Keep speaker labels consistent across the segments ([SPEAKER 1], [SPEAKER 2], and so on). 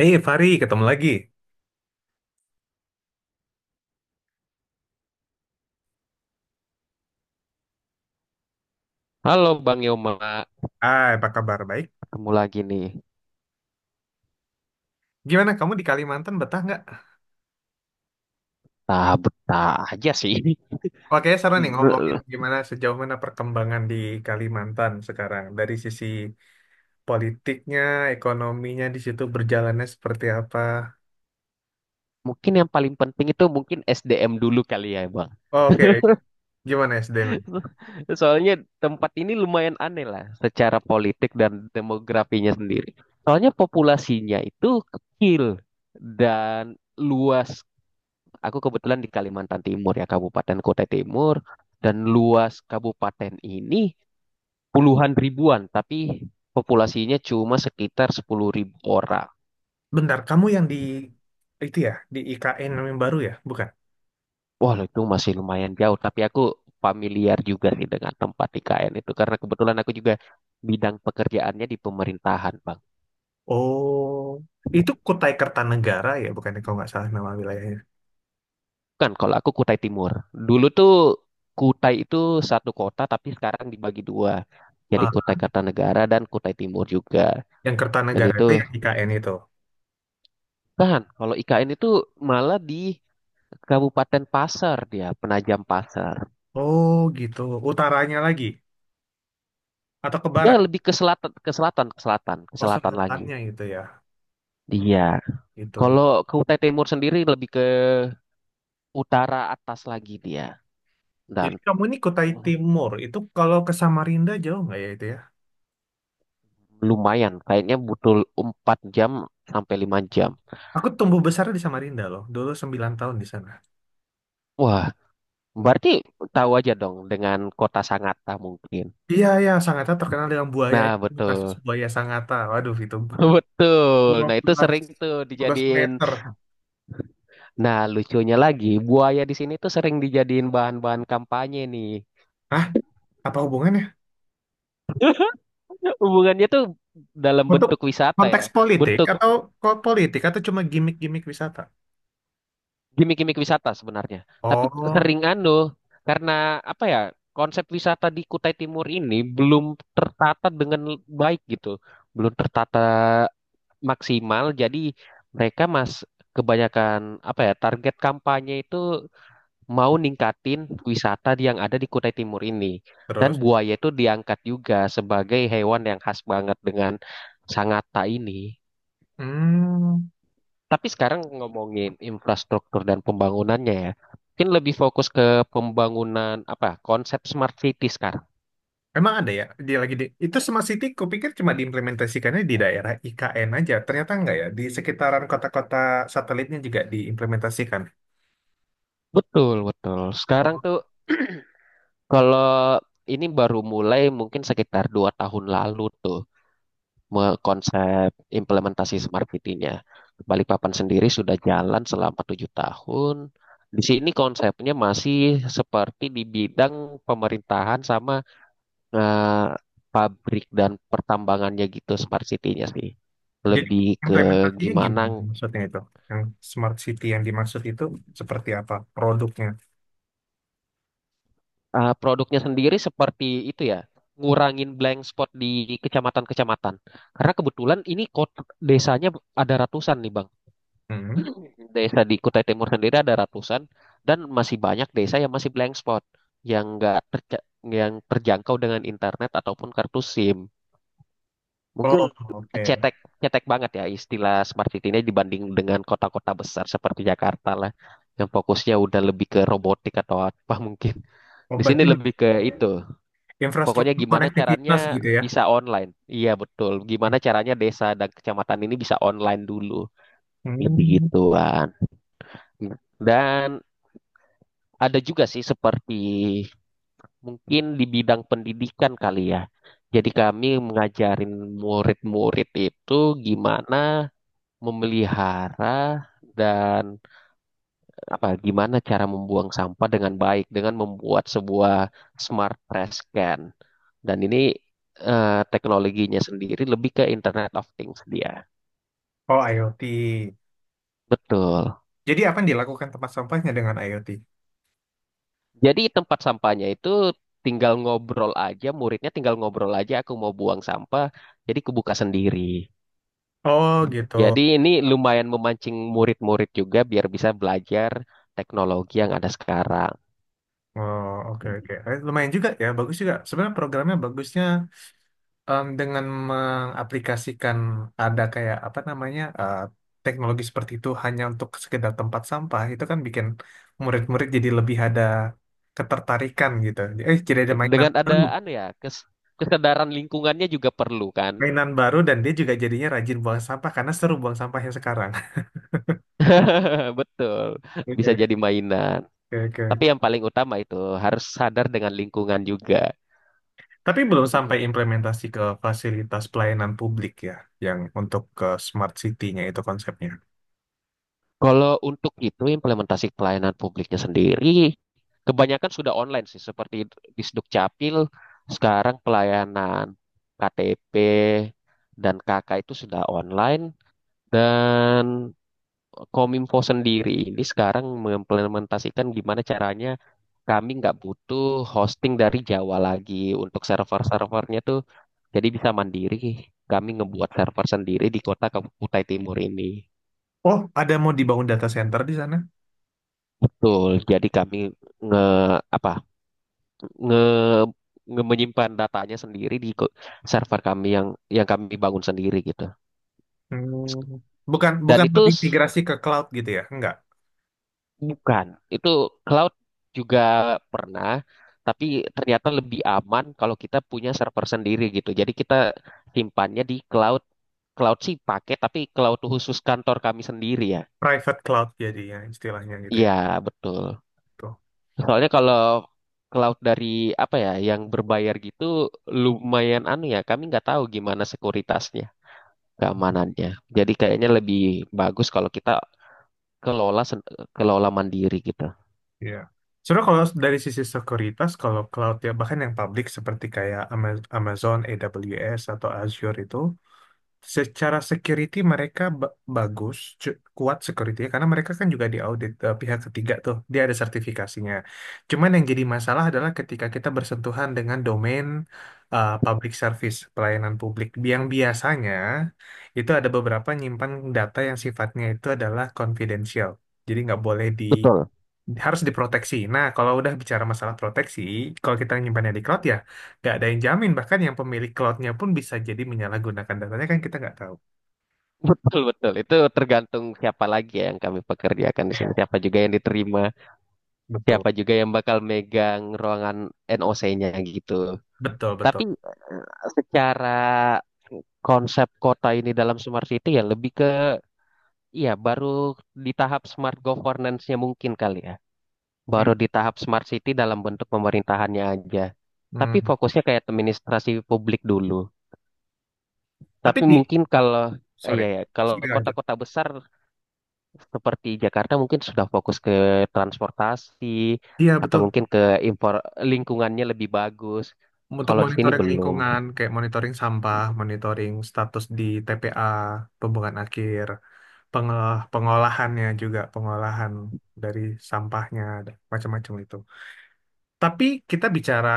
[SPEAKER 1] Hei Fari, ketemu lagi.
[SPEAKER 2] Halo Bang Yoma,
[SPEAKER 1] Ah, apa kabar? Baik.
[SPEAKER 2] ketemu lagi nih.
[SPEAKER 1] Gimana kamu di Kalimantan betah nggak?
[SPEAKER 2] Nah, betah aja sih.
[SPEAKER 1] Oke, seru nih ngomongin gimana sejauh mana perkembangan di Kalimantan sekarang. Dari sisi politiknya, ekonominya di situ berjalannya seperti apa.
[SPEAKER 2] Mungkin yang paling penting itu mungkin SDM dulu kali ya, Bang.
[SPEAKER 1] Oh, oke, gimana SDM?
[SPEAKER 2] Soalnya tempat ini lumayan aneh lah secara politik dan demografinya sendiri. Soalnya populasinya itu kecil dan luas. Aku kebetulan di Kalimantan Timur ya, Kabupaten Kutai Timur. Dan luas kabupaten ini puluhan ribuan, tapi populasinya cuma sekitar 10.000 ribu orang.
[SPEAKER 1] Bentar, kamu yang di itu ya, di IKN yang baru ya, bukan?
[SPEAKER 2] Wah, itu masih lumayan jauh, tapi aku familiar juga sih dengan tempat IKN itu karena kebetulan aku juga bidang pekerjaannya di pemerintahan, Bang.
[SPEAKER 1] Oh, itu Kutai Kertanegara ya, bukan kalau nggak salah nama wilayahnya.
[SPEAKER 2] Kan kalau aku Kutai Timur. Dulu tuh Kutai itu satu kota tapi sekarang dibagi dua. Jadi
[SPEAKER 1] Ah,
[SPEAKER 2] Kutai Kartanegara dan Kutai Timur juga.
[SPEAKER 1] yang
[SPEAKER 2] Dan
[SPEAKER 1] Kertanegara
[SPEAKER 2] itu
[SPEAKER 1] itu yang IKN itu.
[SPEAKER 2] kan kalau IKN itu malah di Kabupaten Pasar dia, Penajam Pasar.
[SPEAKER 1] Oh, gitu. Utaranya lagi, atau ke
[SPEAKER 2] Dia
[SPEAKER 1] barat?
[SPEAKER 2] lebih ke selatan, ke selatan, ke selatan, ke
[SPEAKER 1] Oh,
[SPEAKER 2] selatan lagi.
[SPEAKER 1] selatannya gitu ya.
[SPEAKER 2] Dia.
[SPEAKER 1] Itu.
[SPEAKER 2] Kalau ke Kutai Timur sendiri lebih ke utara atas lagi dia. Dan
[SPEAKER 1] Jadi kamu ini Kutai Timur. Itu kalau ke Samarinda jauh nggak ya itu ya?
[SPEAKER 2] lumayan, kayaknya butuh 4 jam sampai 5 jam.
[SPEAKER 1] Aku tumbuh besar di Samarinda loh. Dulu 9 tahun di sana.
[SPEAKER 2] Wah, berarti tahu aja dong dengan kota Sangatta mungkin.
[SPEAKER 1] Iya, iya. Sangatta terkenal dengan buaya.
[SPEAKER 2] Nah,
[SPEAKER 1] Itu kasus
[SPEAKER 2] betul.
[SPEAKER 1] buaya Sangatta. Waduh, itu
[SPEAKER 2] Betul. Nah, itu
[SPEAKER 1] 15,
[SPEAKER 2] sering tuh
[SPEAKER 1] belas
[SPEAKER 2] dijadiin.
[SPEAKER 1] meter.
[SPEAKER 2] Nah, lucunya lagi, buaya di sini tuh sering dijadiin bahan-bahan kampanye nih.
[SPEAKER 1] Hah? Apa hubungannya?
[SPEAKER 2] Hubungannya tuh dalam
[SPEAKER 1] Untuk
[SPEAKER 2] bentuk wisata ya.
[SPEAKER 1] konteks politik
[SPEAKER 2] Bentuk
[SPEAKER 1] atau kok politik atau cuma gimmick-gimmick wisata?
[SPEAKER 2] gimmick-gimmick wisata sebenarnya. Tapi
[SPEAKER 1] Oh,
[SPEAKER 2] sering anu karena apa ya konsep wisata di Kutai Timur ini belum tertata dengan baik gitu, belum tertata maksimal. Jadi mereka mas kebanyakan apa ya target kampanye itu mau ningkatin wisata yang ada di Kutai Timur ini. Dan
[SPEAKER 1] terus?
[SPEAKER 2] buaya itu diangkat juga sebagai hewan yang khas banget dengan Sangatta ini.
[SPEAKER 1] Hmm.
[SPEAKER 2] Tapi sekarang ngomongin infrastruktur dan pembangunannya ya, mungkin lebih fokus ke pembangunan apa konsep smart city sekarang.
[SPEAKER 1] Emang ada ya? Dia lagi di itu Smart City, kupikir cuma diimplementasikannya di daerah IKN aja. Ternyata enggak ya. Di sekitaran kota-kota satelitnya juga diimplementasikan.
[SPEAKER 2] Betul, betul. Sekarang
[SPEAKER 1] Oh.
[SPEAKER 2] tuh kalau ini baru mulai mungkin sekitar 2 tahun lalu tuh konsep implementasi smart city-nya. Balikpapan sendiri sudah jalan selama 7 tahun. Di sini konsepnya masih seperti di bidang pemerintahan sama eh, pabrik dan pertambangannya gitu smart city-nya sih.
[SPEAKER 1] Jadi
[SPEAKER 2] Lebih ke
[SPEAKER 1] implementasinya
[SPEAKER 2] gimana
[SPEAKER 1] gimana maksudnya itu? Yang Smart City yang dimaksud itu seperti apa produknya?
[SPEAKER 2] produknya sendiri seperti itu ya, ngurangin blank spot di kecamatan-kecamatan. Karena kebetulan ini kota desanya ada ratusan nih, Bang.
[SPEAKER 1] Hmm.
[SPEAKER 2] Desa di Kutai Timur sendiri ada ratusan dan masih banyak desa yang masih blank spot yang enggak yang terjangkau dengan internet ataupun kartu SIM. Mungkin
[SPEAKER 1] Oh, oke.
[SPEAKER 2] cetek cetek banget ya istilah smart city ini dibanding dengan kota-kota besar seperti Jakarta lah yang fokusnya udah lebih ke robotik atau apa mungkin.
[SPEAKER 1] Oh,
[SPEAKER 2] Di sini
[SPEAKER 1] berarti
[SPEAKER 2] lebih ke itu. Pokoknya
[SPEAKER 1] infrastruktur
[SPEAKER 2] gimana caranya
[SPEAKER 1] konektivitas gitu ya?
[SPEAKER 2] bisa online. Iya betul. Gimana caranya desa dan kecamatan ini bisa online dulu. Lebih
[SPEAKER 1] Hmm.
[SPEAKER 2] gituan. Dan ada juga sih seperti mungkin di bidang pendidikan kali ya. Jadi kami mengajarin murid-murid itu gimana memelihara dan apa gimana cara membuang sampah dengan baik dengan membuat sebuah smart trash can. Dan ini teknologinya sendiri lebih ke Internet of Things dia.
[SPEAKER 1] Oh, IoT.
[SPEAKER 2] Betul.
[SPEAKER 1] Jadi apa yang dilakukan tempat sampahnya dengan IoT?
[SPEAKER 2] Jadi tempat sampahnya itu tinggal ngobrol aja, muridnya tinggal ngobrol aja aku mau buang sampah, jadi kebuka sendiri.
[SPEAKER 1] Oh, gitu.
[SPEAKER 2] Jadi ini lumayan memancing murid-murid juga biar bisa belajar teknologi yang ada sekarang.
[SPEAKER 1] Oh, oke, oke. Lumayan juga ya, bagus juga. Sebenarnya programnya bagusnya dengan mengaplikasikan ada kayak apa namanya teknologi seperti itu hanya untuk sekedar tempat sampah, itu kan bikin murid-murid jadi lebih ada ketertarikan gitu. Jadi ada
[SPEAKER 2] Dengan ada anu ya, kesadaran lingkungannya juga perlu kan.
[SPEAKER 1] mainan baru dan dia juga jadinya rajin buang sampah karena seru buang sampahnya sekarang.
[SPEAKER 2] Betul. Bisa jadi
[SPEAKER 1] Oke,
[SPEAKER 2] mainan.
[SPEAKER 1] oke, oke.
[SPEAKER 2] Tapi
[SPEAKER 1] Oke.
[SPEAKER 2] yang paling utama itu harus sadar dengan lingkungan juga.
[SPEAKER 1] Tapi belum sampai implementasi ke fasilitas pelayanan publik ya, yang untuk ke smart city-nya itu konsepnya.
[SPEAKER 2] Kalau untuk itu implementasi pelayanan publiknya sendiri, kebanyakan sudah online sih, seperti di Sdukcapil, sekarang pelayanan KTP dan KK itu sudah online, dan Kominfo sendiri ini sekarang mengimplementasikan gimana caranya kami nggak butuh hosting dari Jawa lagi untuk server-servernya tuh jadi bisa mandiri. Kami ngebuat server sendiri di kota Kutai Timur ini.
[SPEAKER 1] Oh, ada mau dibangun data center di sana?
[SPEAKER 2] Betul. Jadi kami nge apa nge, nge- menyimpan datanya sendiri di server kami yang kami bangun sendiri gitu.
[SPEAKER 1] Hmm. Bukan, bukan
[SPEAKER 2] Dan itu
[SPEAKER 1] lebih migrasi ke cloud gitu ya? Enggak.
[SPEAKER 2] bukan, itu cloud juga pernah, tapi ternyata lebih aman kalau kita punya server sendiri gitu. Jadi kita simpannya di cloud. Cloud sih pakai, tapi cloud khusus kantor kami sendiri ya.
[SPEAKER 1] Private cloud jadinya istilahnya gitu ya.
[SPEAKER 2] Iya, betul.
[SPEAKER 1] Tuh.
[SPEAKER 2] Soalnya kalau cloud dari apa ya, yang berbayar gitu lumayan anu ya, kami nggak tahu gimana sekuritasnya, keamanannya. Jadi kayaknya lebih bagus kalau kita kelola kelola mandiri gitu.
[SPEAKER 1] Iya. Sebenarnya kalau dari sisi sekuritas, kalau cloud ya bahkan yang publik seperti kayak Amazon, AWS atau Azure itu. Secara security mereka bagus, kuat security karena mereka kan juga diaudit pihak ketiga tuh, dia ada sertifikasinya. Cuman yang jadi masalah adalah ketika kita bersentuhan dengan domain public service, pelayanan publik, yang biasanya itu ada beberapa nyimpan data yang sifatnya itu adalah confidential. Jadi nggak boleh
[SPEAKER 2] Betul.
[SPEAKER 1] harus diproteksi. Nah, kalau udah bicara masalah proteksi, kalau kita nyimpannya di cloud ya nggak ada yang jamin. Bahkan yang pemilik cloudnya pun bisa jadi menyalahgunakan datanya kan kita nggak tahu.
[SPEAKER 2] Betul, betul. Itu tergantung siapa lagi ya yang kami pekerjakan di sini.
[SPEAKER 1] Ya,
[SPEAKER 2] Siapa juga yang diterima,
[SPEAKER 1] betul,
[SPEAKER 2] siapa juga yang bakal megang ruangan NOC-nya gitu.
[SPEAKER 1] betul, betul.
[SPEAKER 2] Tapi secara konsep kota ini dalam smart city ya lebih ke, iya baru di tahap smart governance-nya mungkin kali ya. Baru
[SPEAKER 1] Hmm,
[SPEAKER 2] di tahap smart city dalam bentuk pemerintahannya aja. Tapi
[SPEAKER 1] hmm.
[SPEAKER 2] fokusnya kayak administrasi publik dulu.
[SPEAKER 1] Tapi
[SPEAKER 2] Tapi
[SPEAKER 1] di,
[SPEAKER 2] mungkin kalau,
[SPEAKER 1] sorry,
[SPEAKER 2] iya ya, kalau
[SPEAKER 1] sorry, lanjut.
[SPEAKER 2] kota-kota besar seperti Jakarta mungkin sudah fokus ke transportasi
[SPEAKER 1] Iya
[SPEAKER 2] atau
[SPEAKER 1] betul.
[SPEAKER 2] mungkin ke impor lingkungannya lebih bagus.
[SPEAKER 1] Untuk
[SPEAKER 2] Kalau di sini
[SPEAKER 1] monitoring
[SPEAKER 2] belum.
[SPEAKER 1] lingkungan, kayak monitoring sampah, monitoring status di TPA, pembuangan akhir, pengolahannya juga, pengolahan dari sampahnya, dan macam-macam itu. Tapi kita bicara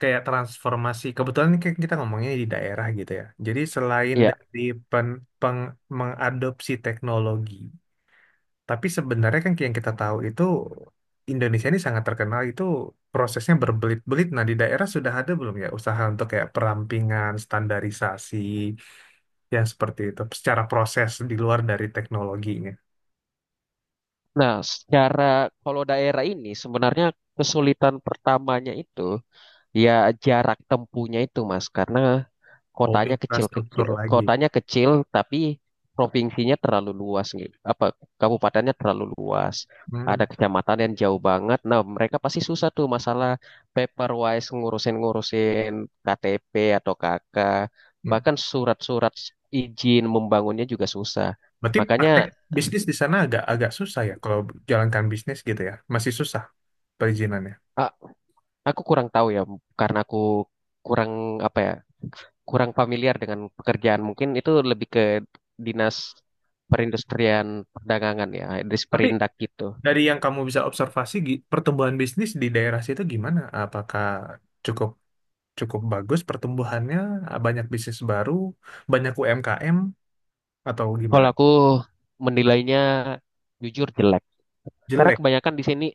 [SPEAKER 1] kayak transformasi, kebetulan ini kan kita ngomongnya di daerah gitu ya. Jadi selain
[SPEAKER 2] Ya.
[SPEAKER 1] dari pen, mengadopsi teknologi, tapi sebenarnya kan yang kita tahu itu Indonesia ini sangat terkenal itu prosesnya berbelit-belit. Nah, di daerah sudah ada belum ya usaha untuk kayak perampingan, standarisasi yang seperti itu secara proses di luar dari teknologinya.
[SPEAKER 2] Nah, secara kalau daerah ini sebenarnya kesulitan pertamanya itu ya jarak tempuhnya itu, Mas, karena
[SPEAKER 1] Oh,
[SPEAKER 2] kotanya
[SPEAKER 1] infrastruktur
[SPEAKER 2] kecil-kecil,
[SPEAKER 1] lagi.
[SPEAKER 2] kotanya kecil tapi provinsinya terlalu luas gitu. Apa kabupatennya terlalu luas. Ada kecamatan yang jauh banget. Nah, mereka pasti susah tuh masalah paperwise ngurusin-ngurusin KTP atau KK,
[SPEAKER 1] Hmm.
[SPEAKER 2] bahkan surat-surat izin membangunnya juga susah.
[SPEAKER 1] Berarti
[SPEAKER 2] Makanya
[SPEAKER 1] praktek bisnis di sana agak agak susah ya kalau jalankan bisnis gitu ya. Masih susah perizinannya.
[SPEAKER 2] a- aku kurang tahu ya karena aku kurang apa ya kurang familiar dengan pekerjaan. Mungkin itu lebih ke dinas perindustrian perdagangan ya,
[SPEAKER 1] Tapi
[SPEAKER 2] disperindak gitu.
[SPEAKER 1] dari yang kamu bisa observasi pertumbuhan bisnis di daerah situ gimana? Apakah cukup cukup bagus pertumbuhannya? Banyak bisnis baru, banyak UMKM atau gimana?
[SPEAKER 2] Kalau aku menilainya jujur jelek. Karena
[SPEAKER 1] Jelek,
[SPEAKER 2] kebanyakan di sini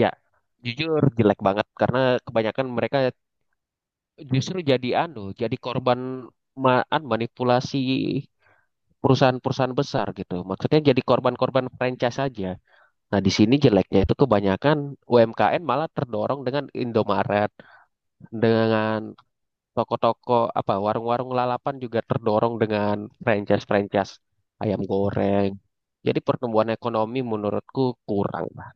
[SPEAKER 2] ya jujur jelek banget karena kebanyakan mereka justru jadi anu, jadi korban anu, manipulasi perusahaan-perusahaan besar gitu. Maksudnya jadi korban-korban franchise saja. Nah, di sini jeleknya itu kebanyakan UMKM malah terdorong dengan Indomaret, dengan toko-toko apa warung-warung lalapan juga terdorong dengan franchise-franchise ayam goreng. Jadi pertumbuhan ekonomi menurutku kurang lah.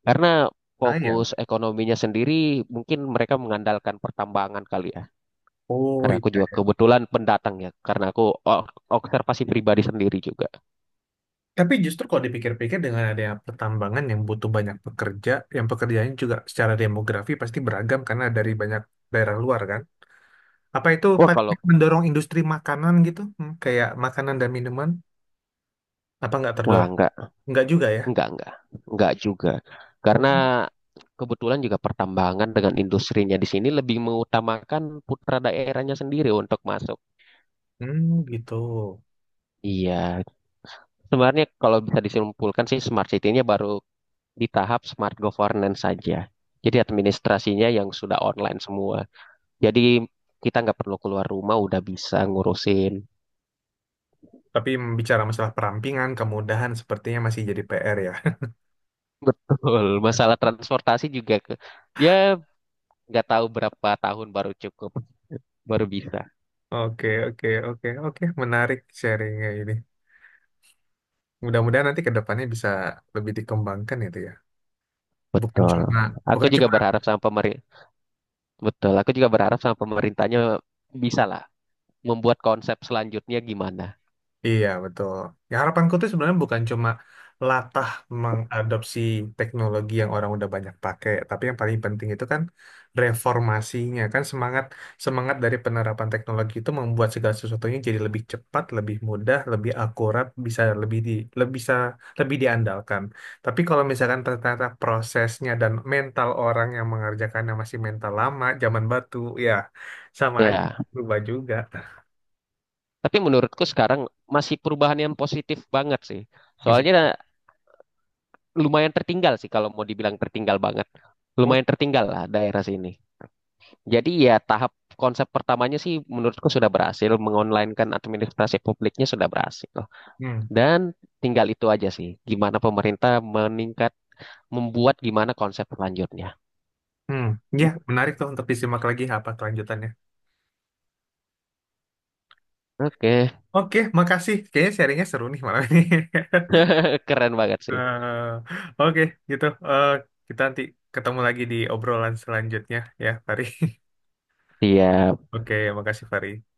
[SPEAKER 2] Karena
[SPEAKER 1] sayang.
[SPEAKER 2] fokus ekonominya sendiri mungkin mereka mengandalkan pertambangan kali ya.
[SPEAKER 1] Oh
[SPEAKER 2] Karena
[SPEAKER 1] iya.
[SPEAKER 2] aku juga kebetulan pendatang ya. Karena aku o- observasi pribadi sendiri juga.
[SPEAKER 1] Tapi justru kalau dipikir-pikir dengan adanya pertambangan yang butuh banyak pekerja, yang pekerjaannya juga secara demografi pasti beragam karena dari banyak daerah luar kan. Apa itu
[SPEAKER 2] Wah,
[SPEAKER 1] paling
[SPEAKER 2] kalau,
[SPEAKER 1] mendorong industri makanan gitu? Hmm, kayak makanan dan minuman? Apa nggak
[SPEAKER 2] wah,
[SPEAKER 1] terdor?
[SPEAKER 2] enggak.
[SPEAKER 1] Nggak juga ya?
[SPEAKER 2] Enggak, enggak. Enggak juga.
[SPEAKER 1] Oh.
[SPEAKER 2] Karena kebetulan juga pertambangan dengan industrinya di sini lebih mengutamakan putra daerahnya sendiri untuk masuk.
[SPEAKER 1] Hmm, gitu.
[SPEAKER 2] Iya. Sebenarnya kalau bisa disimpulkan sih smart city-nya baru di tahap smart governance saja. Jadi administrasinya yang sudah online semua. Jadi kita nggak perlu keluar rumah udah bisa ngurusin.
[SPEAKER 1] Tapi bicara masalah perampingan, kemudahan sepertinya masih jadi PR ya.
[SPEAKER 2] Betul. Masalah transportasi juga ke, ya nggak tahu berapa tahun baru cukup, baru bisa.
[SPEAKER 1] Oke, oke, oke, oke. Menarik sharingnya ini. Mudah-mudahan nanti ke depannya bisa lebih dikembangkan itu ya. Bukan
[SPEAKER 2] Betul.
[SPEAKER 1] cuma
[SPEAKER 2] Aku
[SPEAKER 1] bukan
[SPEAKER 2] juga
[SPEAKER 1] cuma
[SPEAKER 2] berharap sama pemerintah. Betul. Aku juga berharap sama pemerintahnya bisa lah membuat konsep selanjutnya gimana.
[SPEAKER 1] Iya, betul. Ya, harapanku tuh sebenarnya bukan cuma latah mengadopsi teknologi yang orang udah banyak pakai, tapi yang paling penting itu kan reformasinya, kan semangat semangat dari penerapan teknologi itu membuat segala sesuatunya jadi lebih cepat, lebih mudah, lebih akurat, bisa lebih di lebih bisa lebih diandalkan. Tapi kalau misalkan ternyata prosesnya dan mental orang yang mengerjakannya masih mental lama, zaman batu, ya sama aja
[SPEAKER 2] Ya.
[SPEAKER 1] berubah juga.
[SPEAKER 2] Tapi menurutku sekarang masih perubahan yang positif banget sih.
[SPEAKER 1] Masih.
[SPEAKER 2] Soalnya lumayan tertinggal sih kalau mau dibilang tertinggal banget. Lumayan tertinggal lah daerah sini. Jadi ya tahap konsep pertamanya sih menurutku sudah berhasil. Mengonlinekan administrasi publiknya sudah berhasil.
[SPEAKER 1] Hmm.
[SPEAKER 2] Dan tinggal itu aja sih. Gimana pemerintah meningkat membuat gimana konsep selanjutnya.
[SPEAKER 1] Hmm, ya menarik tuh untuk disimak lagi apa kelanjutannya.
[SPEAKER 2] Oke.
[SPEAKER 1] Oke, makasih. Kayaknya sharingnya seru nih malam ini.
[SPEAKER 2] Keren banget sih,
[SPEAKER 1] Eh, Oke, gitu. Kita nanti ketemu lagi di obrolan selanjutnya ya, Fari.
[SPEAKER 2] iya
[SPEAKER 1] Oke, makasih, Fari.